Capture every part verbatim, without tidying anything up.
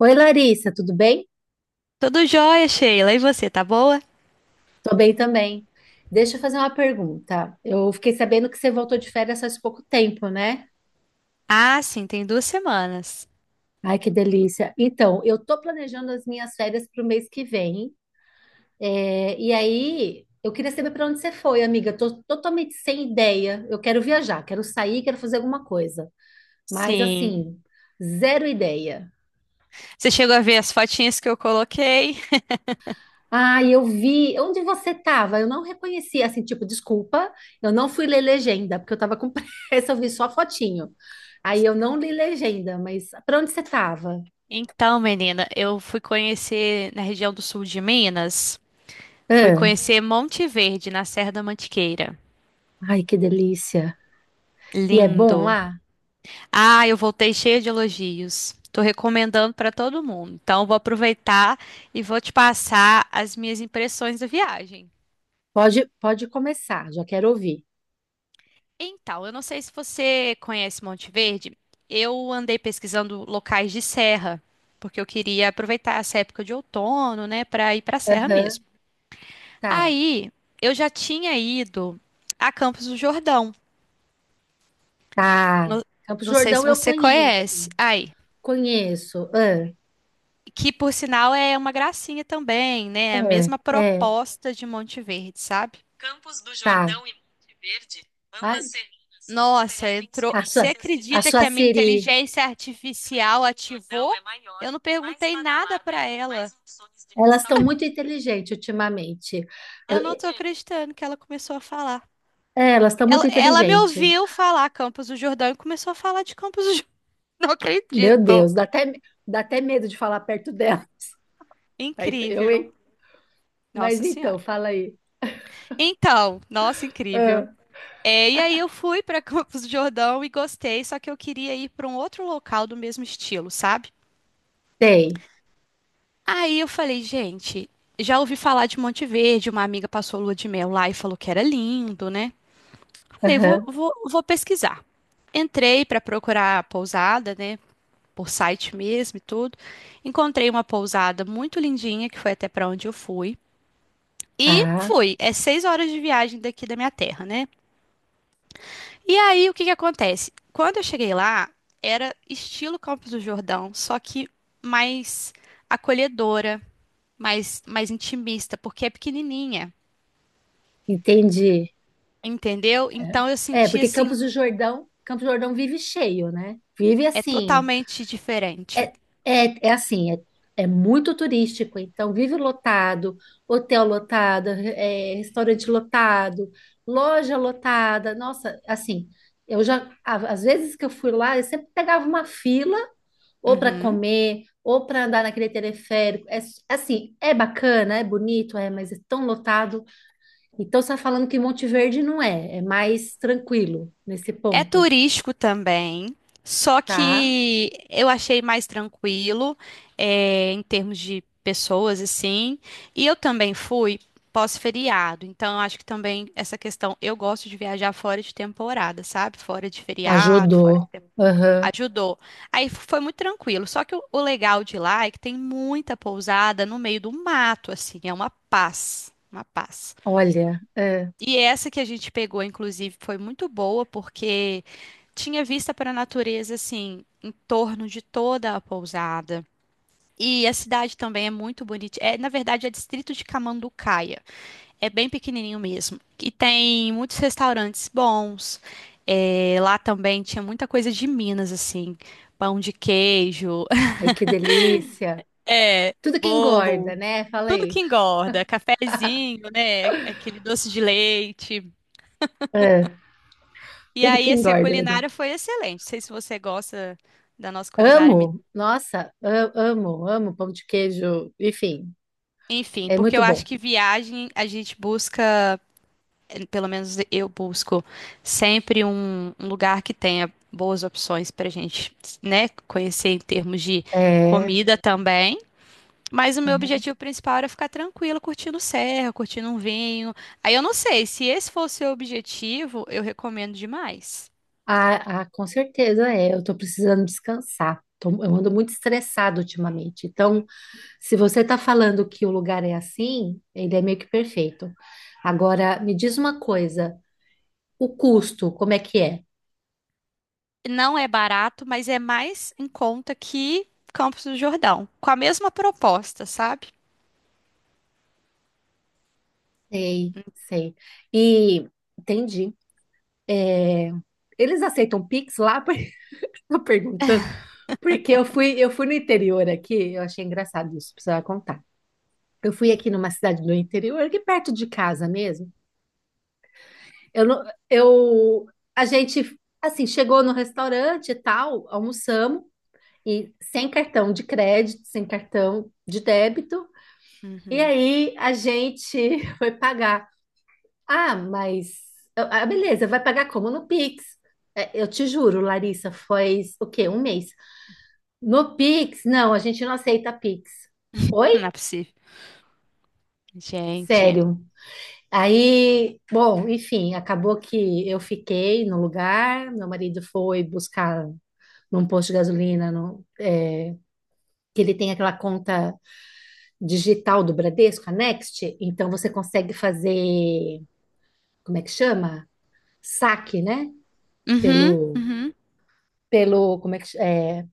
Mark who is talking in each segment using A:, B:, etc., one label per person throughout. A: Oi, Larissa, tudo bem?
B: Tudo jóia, Sheila. E você, tá boa?
A: Tô bem também. Deixa eu fazer uma pergunta. Eu fiquei sabendo que você voltou de férias faz pouco tempo, né?
B: Ah, sim, tem duas semanas.
A: Ai, que delícia. Então, eu tô planejando as minhas férias para o mês que vem. É, e aí, eu queria saber para onde você foi, amiga. Tô totalmente sem ideia. Eu quero viajar, quero sair, quero fazer alguma coisa. Mas,
B: Sim.
A: assim, zero ideia.
B: Você chegou a ver as fotinhas que eu coloquei?
A: Ah, eu vi. Onde você estava? Eu não reconheci, assim, tipo, desculpa, eu não fui ler legenda, porque eu estava com pressa, eu vi só a fotinho. Aí eu não li legenda, mas para onde você estava?
B: Então, menina, eu fui conhecer na região do sul de Minas. Fui
A: Ah.
B: conhecer Monte Verde, na Serra da Mantiqueira.
A: Ai, que delícia. E é bom
B: Lindo.
A: lá?
B: Ah, eu voltei cheia de elogios. Tô recomendando pra todo mundo. Então, eu vou aproveitar e vou te passar as minhas impressões da viagem.
A: Pode, pode começar, já quero ouvir.
B: Então, eu não sei se você conhece Monte Verde. Eu andei pesquisando locais de serra, porque eu queria aproveitar essa época de outono, né, para ir para a serra
A: Aham.
B: mesmo.
A: Tá,
B: Aí, eu já tinha ido a Campos do Jordão.
A: tá.
B: Não,
A: Campos do
B: não sei
A: Jordão
B: se
A: eu
B: você
A: conheço,
B: conhece. Aí,
A: conheço. Ah,
B: que por sinal é uma gracinha também, né? A
A: é,
B: mesma
A: é,
B: proposta de Monte Verde, sabe?
A: tá. Ai.
B: Nossa, entrou.
A: A,
B: Você
A: sua, a
B: acredita
A: sua
B: que a minha
A: Siri,
B: inteligência artificial ativou? Eu não perguntei nada para ela.
A: elas estão muito inteligentes ultimamente.
B: Eu não tô acreditando que ela começou a falar.
A: É, elas estão
B: Ela,
A: muito
B: ela me
A: inteligentes.
B: ouviu falar Campos do Jordão e começou a falar de Campos do Jordão. Não
A: Meu
B: acredito.
A: Deus, dá até, dá até medo de falar perto dela. Aí eu,
B: Incrível.
A: hein? Mas
B: Nossa
A: então,
B: Senhora.
A: fala aí.
B: Então, nossa,
A: Ah,
B: incrível. É, e aí eu fui para Campos do Jordão e gostei, só que eu queria ir para um outro local do mesmo estilo, sabe?
A: tem.
B: Aí eu falei, gente, já ouvi falar de Monte Verde, uma amiga passou lua de mel lá e falou que era lindo, né? Falei, vou,
A: Aham.
B: vou, vou pesquisar. Entrei para procurar a pousada, né? Por site mesmo e tudo. Encontrei uma pousada muito lindinha, que foi até para onde eu fui. E
A: Tá,
B: fui. É seis horas de viagem daqui da minha terra, né? E aí, o que que acontece? Quando eu cheguei lá, era estilo Campos do Jordão, só que mais acolhedora mais, mais intimista, porque é pequenininha,
A: entendi.
B: entendeu? Então eu
A: É, é,
B: senti
A: porque
B: assim,
A: Campos do Jordão, Campos do Jordão vive cheio, né? Vive
B: é
A: assim,
B: totalmente
A: É,
B: diferente.
A: é, é assim, é, é muito turístico, então vive lotado, hotel lotado, é, restaurante lotado, loja lotada. Nossa, assim, eu já, a- às vezes que eu fui lá, eu sempre pegava uma fila, ou para
B: Uhum.
A: comer, ou para andar naquele teleférico. É, s- assim, é bacana, é bonito, é, mas é tão lotado. Então você está falando que Monte Verde não é, é mais tranquilo nesse
B: É
A: ponto,
B: turístico também, só
A: tá?
B: que eu achei mais tranquilo, é, em termos de pessoas, assim. E eu também fui pós-feriado, então eu acho que também essa questão, eu gosto de viajar fora de temporada, sabe? Fora de feriado.
A: Ajudou. Aham.
B: Ajudou. Aí foi muito tranquilo. Só que o, o legal de lá é que tem muita pousada no meio do mato, assim, é uma paz, uma paz.
A: Olha, é.
B: E essa que a gente pegou, inclusive, foi muito boa porque tinha vista para a natureza, assim, em torno de toda a pousada. E a cidade também é muito bonita. É, na verdade, é distrito de Camanducaia. É bem pequenininho mesmo. E tem muitos restaurantes bons. É, lá também tinha muita coisa de Minas, assim, pão de queijo.
A: Ai, que delícia.
B: É,
A: Tudo que engorda,
B: bolo,
A: né? Fala
B: tudo
A: aí.
B: que engorda, cafezinho, né? Aquele doce de leite.
A: É,
B: E
A: tudo que
B: aí, assim, a
A: engorda, meu Deus.
B: culinária foi excelente. Não sei se você gosta da nossa culinária
A: Amo.
B: mineira.
A: Nossa, a- amo, amo pão de queijo. Enfim,
B: Enfim,
A: é
B: porque
A: muito
B: eu acho
A: bom.
B: que viagem a gente busca, pelo menos eu busco sempre um, um lugar que tenha boas opções para a gente, né, conhecer em termos de
A: É, é.
B: comida também. Mas o meu objetivo principal era ficar tranquila, curtindo serra, curtindo um vinho. Aí eu não sei, se esse for o seu objetivo, eu recomendo demais.
A: Ah, ah, com certeza é. Eu tô precisando descansar. Tô- eu ando muito estressado ultimamente. Então, se você tá falando que o lugar é assim, ele é meio que perfeito. Agora, me diz uma coisa. O custo, como é que é?
B: Não é barato, mas é mais em conta que Campos do Jordão, com a mesma proposta, sabe?
A: Sei, sei. E entendi. Eles aceitam Pix lá? Por isso eu tô perguntando. Porque eu fui, eu fui no interior aqui, eu achei engraçado isso, precisava contar. Eu fui aqui numa cidade do interior, aqui perto de casa mesmo. Eu, não- eu, a gente, assim, chegou no restaurante e tal, almoçamos, e sem cartão de crédito, sem cartão de débito. E
B: Uhum.
A: aí a gente foi pagar. Ah, mas, ah, beleza, vai pagar como no Pix? É, eu te juro, Larissa, foi o quê? Um mês. No Pix, não, a gente não aceita Pix. Oi?
B: Não é possível. Gente.
A: Sério. Aí, bom, enfim, acabou que eu fiquei no lugar, meu marido foi buscar num posto de gasolina, no- é, que ele tem aquela conta digital do Bradesco, a Next, então você consegue fazer, como é que chama? Saque, né?
B: Uhum,
A: Pelo,
B: uhum.
A: pelo, como é que, ch- é,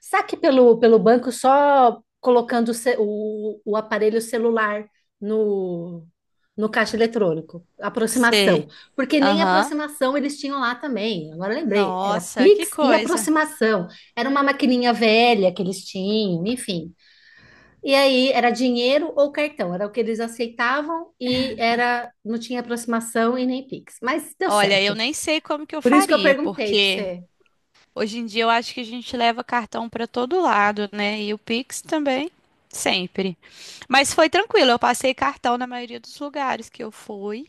A: Saque pelo, pelo banco só colocando o, ce- o, o aparelho celular no, no caixa eletrônico. Aproximação.
B: Sei.
A: Porque nem
B: Aham.
A: aproximação eles tinham lá também. Agora eu lembrei, era
B: Nossa, que
A: Pix e
B: coisa.
A: aproximação. Era uma maquininha velha que eles tinham, enfim. E aí era dinheiro ou cartão, era o que eles aceitavam e era não tinha aproximação e nem Pix. Mas deu
B: Olha, eu
A: certo.
B: nem sei como que eu
A: Por isso que eu
B: faria,
A: perguntei para
B: porque
A: você.
B: hoje em dia eu acho que a gente leva cartão para todo lado, né? E o Pix também, sempre. Mas foi tranquilo, eu passei cartão na maioria dos lugares que eu fui.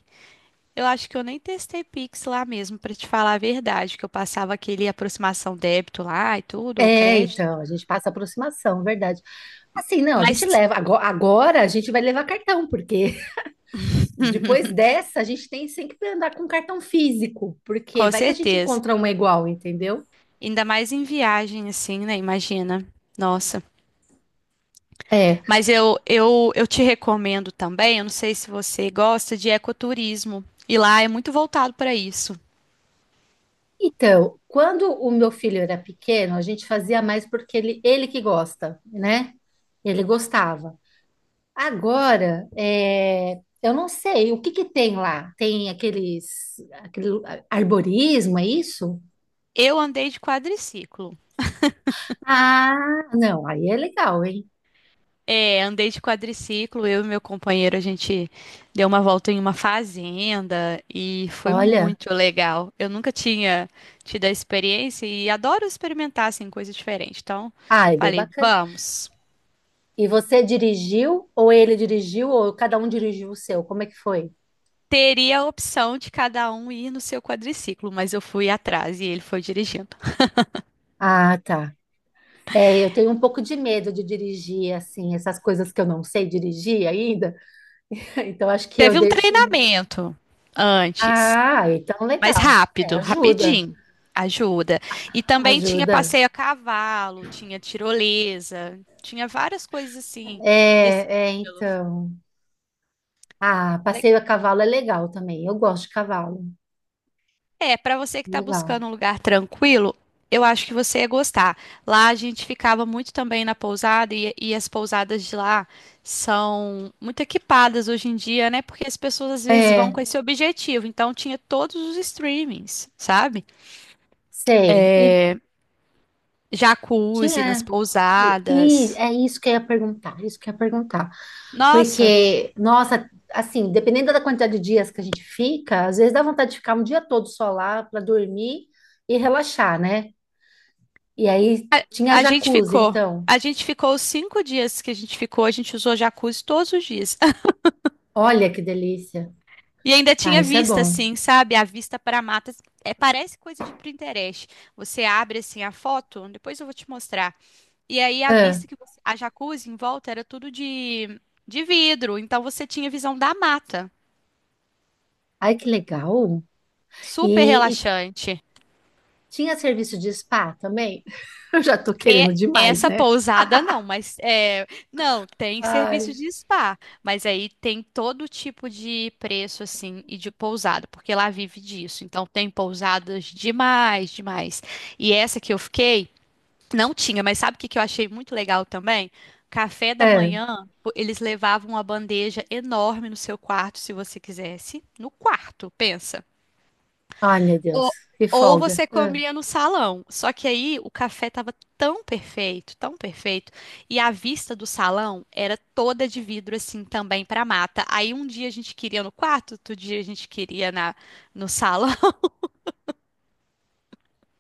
B: Eu acho que eu nem testei Pix lá mesmo, para te falar a verdade, que eu passava aquele aproximação débito lá e tudo, ou
A: É,
B: crédito.
A: então, a gente passa aproximação, verdade. Assim, não, a gente
B: Mas
A: leva. Ago- Agora, a gente vai levar cartão, porque depois dessa a gente tem sempre que andar com cartão físico, porque
B: com
A: vai que a gente
B: certeza,
A: encontra uma igual, entendeu?
B: ainda mais em viagem assim, né? Imagina. Nossa.
A: É.
B: Mas eu, eu, eu te recomendo também, eu não sei se você gosta de ecoturismo, e lá é muito voltado para isso.
A: Então, quando o meu filho era pequeno, a gente fazia mais porque ele, ele que gosta, né? Ele gostava. Agora, é, eu não sei o que que tem lá. Tem aqueles, aquele arborismo, é isso?
B: Eu andei de quadriciclo.
A: Ah, não, aí é legal, hein?
B: É, andei de quadriciclo, eu e meu companheiro, a gente deu uma volta em uma fazenda e foi
A: Olha,
B: muito legal. Eu nunca tinha tido a experiência e adoro experimentar assim, coisas diferentes. Então,
A: ah, é bem
B: falei,
A: bacana.
B: vamos.
A: E você dirigiu, ou ele dirigiu, ou cada um dirigiu o seu? Como é que foi?
B: Teria a opção de cada um ir no seu quadriciclo, mas eu fui atrás e ele foi dirigindo.
A: Ah, tá. É, eu tenho um pouco de medo de dirigir, assim, essas coisas que eu não sei dirigir ainda. Então, acho que eu
B: Teve um
A: deixo.
B: treinamento antes,
A: Ah, então
B: mas
A: legal. É,
B: rápido,
A: ajuda,
B: rapidinho. Ajuda. E também tinha
A: ajuda.
B: passeio a cavalo, tinha tirolesa, tinha várias coisas assim nesse
A: É, é,
B: estilo.
A: então. Ah, passeio a cavalo é legal também. Eu gosto de cavalo.
B: É, para você que está
A: Legal.
B: buscando um lugar tranquilo, eu acho que você ia gostar. Lá a gente ficava muito também na pousada e, e as pousadas de lá são muito equipadas hoje em dia, né? Porque as pessoas às vezes vão
A: É,
B: com esse objetivo. Então tinha todos os streamings, sabe?
A: sei. E
B: É,
A: sim,
B: jacuzzi nas
A: é.
B: pousadas.
A: E é isso que eu ia perguntar, isso que eu ia perguntar.
B: Nossa,
A: Porque, nossa, assim, dependendo da quantidade de dias que a gente fica, às vezes dá vontade de ficar um dia todo só lá para dormir e relaxar, né? E aí tinha
B: a gente
A: jacuzzi,
B: ficou.
A: então.
B: A gente ficou os cinco dias que a gente ficou, a gente usou jacuzzi todos os dias.
A: Olha que delícia.
B: E ainda
A: Ah,
B: tinha
A: isso é
B: vista,
A: bom.
B: assim, sabe? A vista para matas. É, parece coisa de Pinterest. Você abre, assim, a foto, depois eu vou te mostrar. E aí a
A: Ah,
B: vista que você... A jacuzzi em volta era tudo de, de vidro, então você tinha visão da mata.
A: ai, que legal.
B: Super
A: E, e
B: relaxante.
A: tinha serviço de spa também? Eu já tô
B: É
A: querendo demais,
B: essa
A: né?
B: pousada não, mas é, não, tem serviço
A: Ai.
B: de spa, mas aí tem todo tipo de preço assim e de pousada, porque lá vive disso. Então tem pousadas demais, demais. E essa que eu fiquei não tinha, mas sabe o que que eu achei muito legal também? Café da
A: É.
B: manhã, o- eles levavam uma bandeja enorme no seu quarto, se você quisesse, no quarto, pensa.
A: Ai, meu Deus,
B: Ou,
A: que
B: ou
A: folga.
B: você comia no salão. Só que aí o café tava tão perfeito, tão perfeito, e a vista do salão era toda de vidro assim também para mata. Aí um dia a gente queria no quarto, outro dia a gente queria na no salão.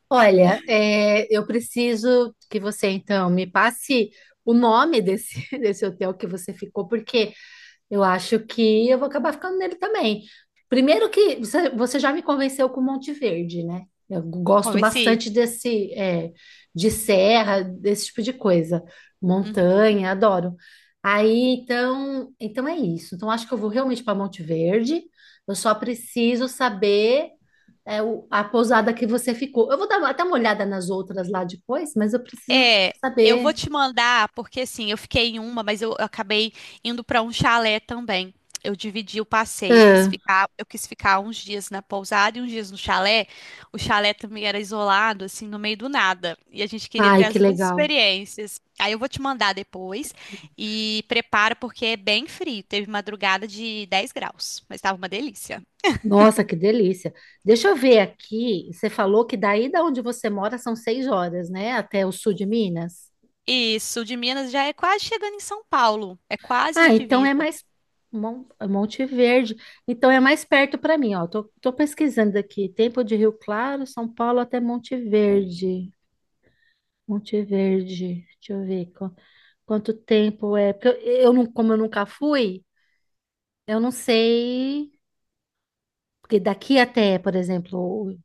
A: Olha, é, eu preciso que você então me passe o nome desse, desse hotel que você ficou, porque eu acho que eu vou acabar ficando nele também. Primeiro que você, você já me convenceu com Monte Verde, né? Eu
B: Vamos
A: gosto
B: ver se.
A: bastante desse, é, de serra, desse tipo de coisa.
B: Uhum.
A: Montanha, adoro. Aí, então, então é isso. Então, acho que eu vou realmente para Monte Verde. Eu só preciso saber, é, o- a pousada que você ficou. Eu vou dar até uma olhada nas outras lá depois, mas eu preciso
B: É, eu vou
A: saber.
B: te mandar, porque assim, eu fiquei em uma, mas eu, eu acabei indo para um chalé também. Eu dividi o passeio, quis
A: Ah,
B: ficar, eu quis ficar uns dias na pousada e uns dias no chalé. O chalé também era isolado, assim, no meio do nada. E a gente queria
A: ai,
B: ter
A: que
B: as duas
A: legal.
B: experiências. Aí eu vou te mandar depois e prepara porque é bem frio. Teve madrugada de dez graus, mas estava uma delícia.
A: Nossa, que delícia. Deixa eu ver aqui. Você falou que daí da onde você mora são seis horas, né? Até o sul de Minas.
B: E sul de Minas já é quase chegando em São Paulo, é quase na
A: Ah, então é
B: divisa.
A: mais Mon- Monte Verde. Então é mais perto para mim, ó. Tô, tô pesquisando aqui. Tempo de Rio Claro, São Paulo até Monte Verde. Monte Verde. Deixa eu ver qu- quanto tempo é. Porque eu, eu não, como eu nunca fui, eu não sei. Porque daqui até, por exemplo,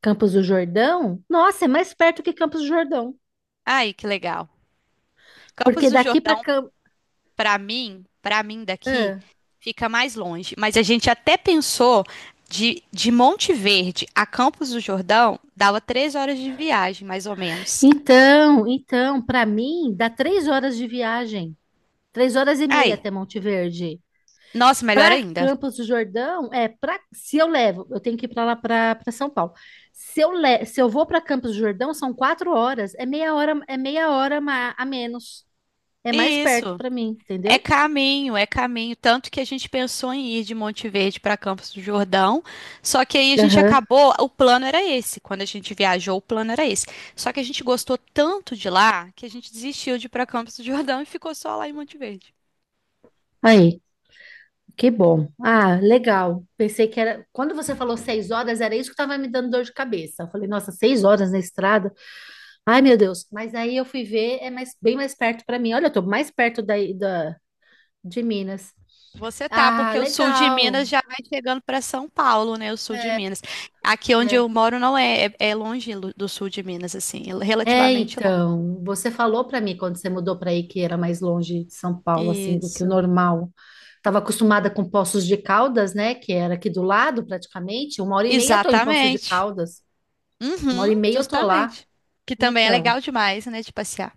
A: Campos do Jordão. Nossa, é mais perto que Campos do Jordão.
B: Ai, que legal. Campos
A: Porque
B: do
A: daqui para
B: Jordão
A: Cam...
B: Pra mim, pra mim daqui,
A: Ah.
B: fica mais longe. Mas a gente até pensou de, de Monte Verde a Campos do Jordão, dava três horas de viagem, mais ou menos.
A: Então, então, para mim, dá três horas de viagem, três horas e meia
B: Aí,
A: até Monte Verde.
B: nossa, melhor
A: Para
B: ainda.
A: Campos do Jordão, é para se eu levo, eu tenho que ir para lá para São Paulo. Se eu le... se eu vou para Campos do Jordão, são quatro horas, é meia hora, é meia hora ma- a menos, é mais perto
B: Isso.
A: para mim,
B: É
A: entendeu?
B: caminho, é caminho. Tanto que a gente pensou em ir de Monte Verde para Campos do Jordão, só que aí a gente
A: Aham.
B: acabou. O plano era esse. Quando a gente viajou, o plano era esse. Só que a gente gostou tanto de lá que a gente desistiu de ir para Campos do Jordão e ficou só lá em Monte Verde.
A: Aí, que bom. Ah, legal. Pensei que era. Quando você falou seis horas, era isso que estava me dando dor de cabeça. Eu falei, nossa, seis horas na estrada. Ai, meu Deus. Mas aí eu fui ver, é mais, bem mais perto para mim. Olha, eu tô mais perto daí da, de Minas.
B: Você tá,
A: Ah,
B: porque o sul de
A: legal.
B: Minas já vai chegando para São Paulo, né? O sul de Minas. Aqui onde
A: É.
B: eu moro não é, é, é longe lo- do sul de Minas, assim, é
A: É,
B: relativamente longe.
A: então, você falou para mim quando você mudou para aí que era mais longe de São Paulo, assim, do que o
B: Isso.
A: normal. Estava acostumada com Poços de Caldas, né? Que era aqui do lado, praticamente. Uma hora e meia eu tô em Poços de
B: Exatamente.
A: Caldas. Uma
B: Uhum,
A: hora e meia eu tô lá.
B: justamente. Que também é
A: Então.
B: legal demais, né, de passear.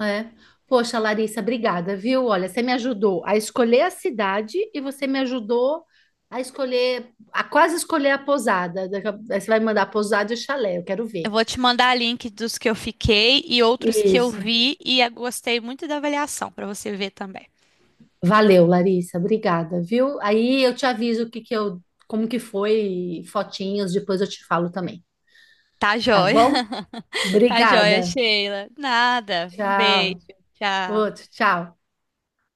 A: É. Poxa, Larissa, obrigada, viu? Olha, você me ajudou a escolher a cidade e você me ajudou a escolher, a quase escolher a pousada. Daqui a- Aí você vai me mandar pousada e chalé, eu quero
B: Eu
A: ver.
B: vou te mandar link dos que eu fiquei e outros que eu
A: Isso.
B: vi e eu gostei muito da avaliação para você ver também.
A: Valeu, Larissa, obrigada, viu? Aí eu te aviso o que que eu, como que foi, fotinhos, depois eu te falo também,
B: Tá
A: tá
B: joia?
A: bom?
B: Tá joia,
A: Obrigada.
B: Sheila. Nada. Um beijo.
A: Tchau.
B: Tchau.
A: Outro, tchau.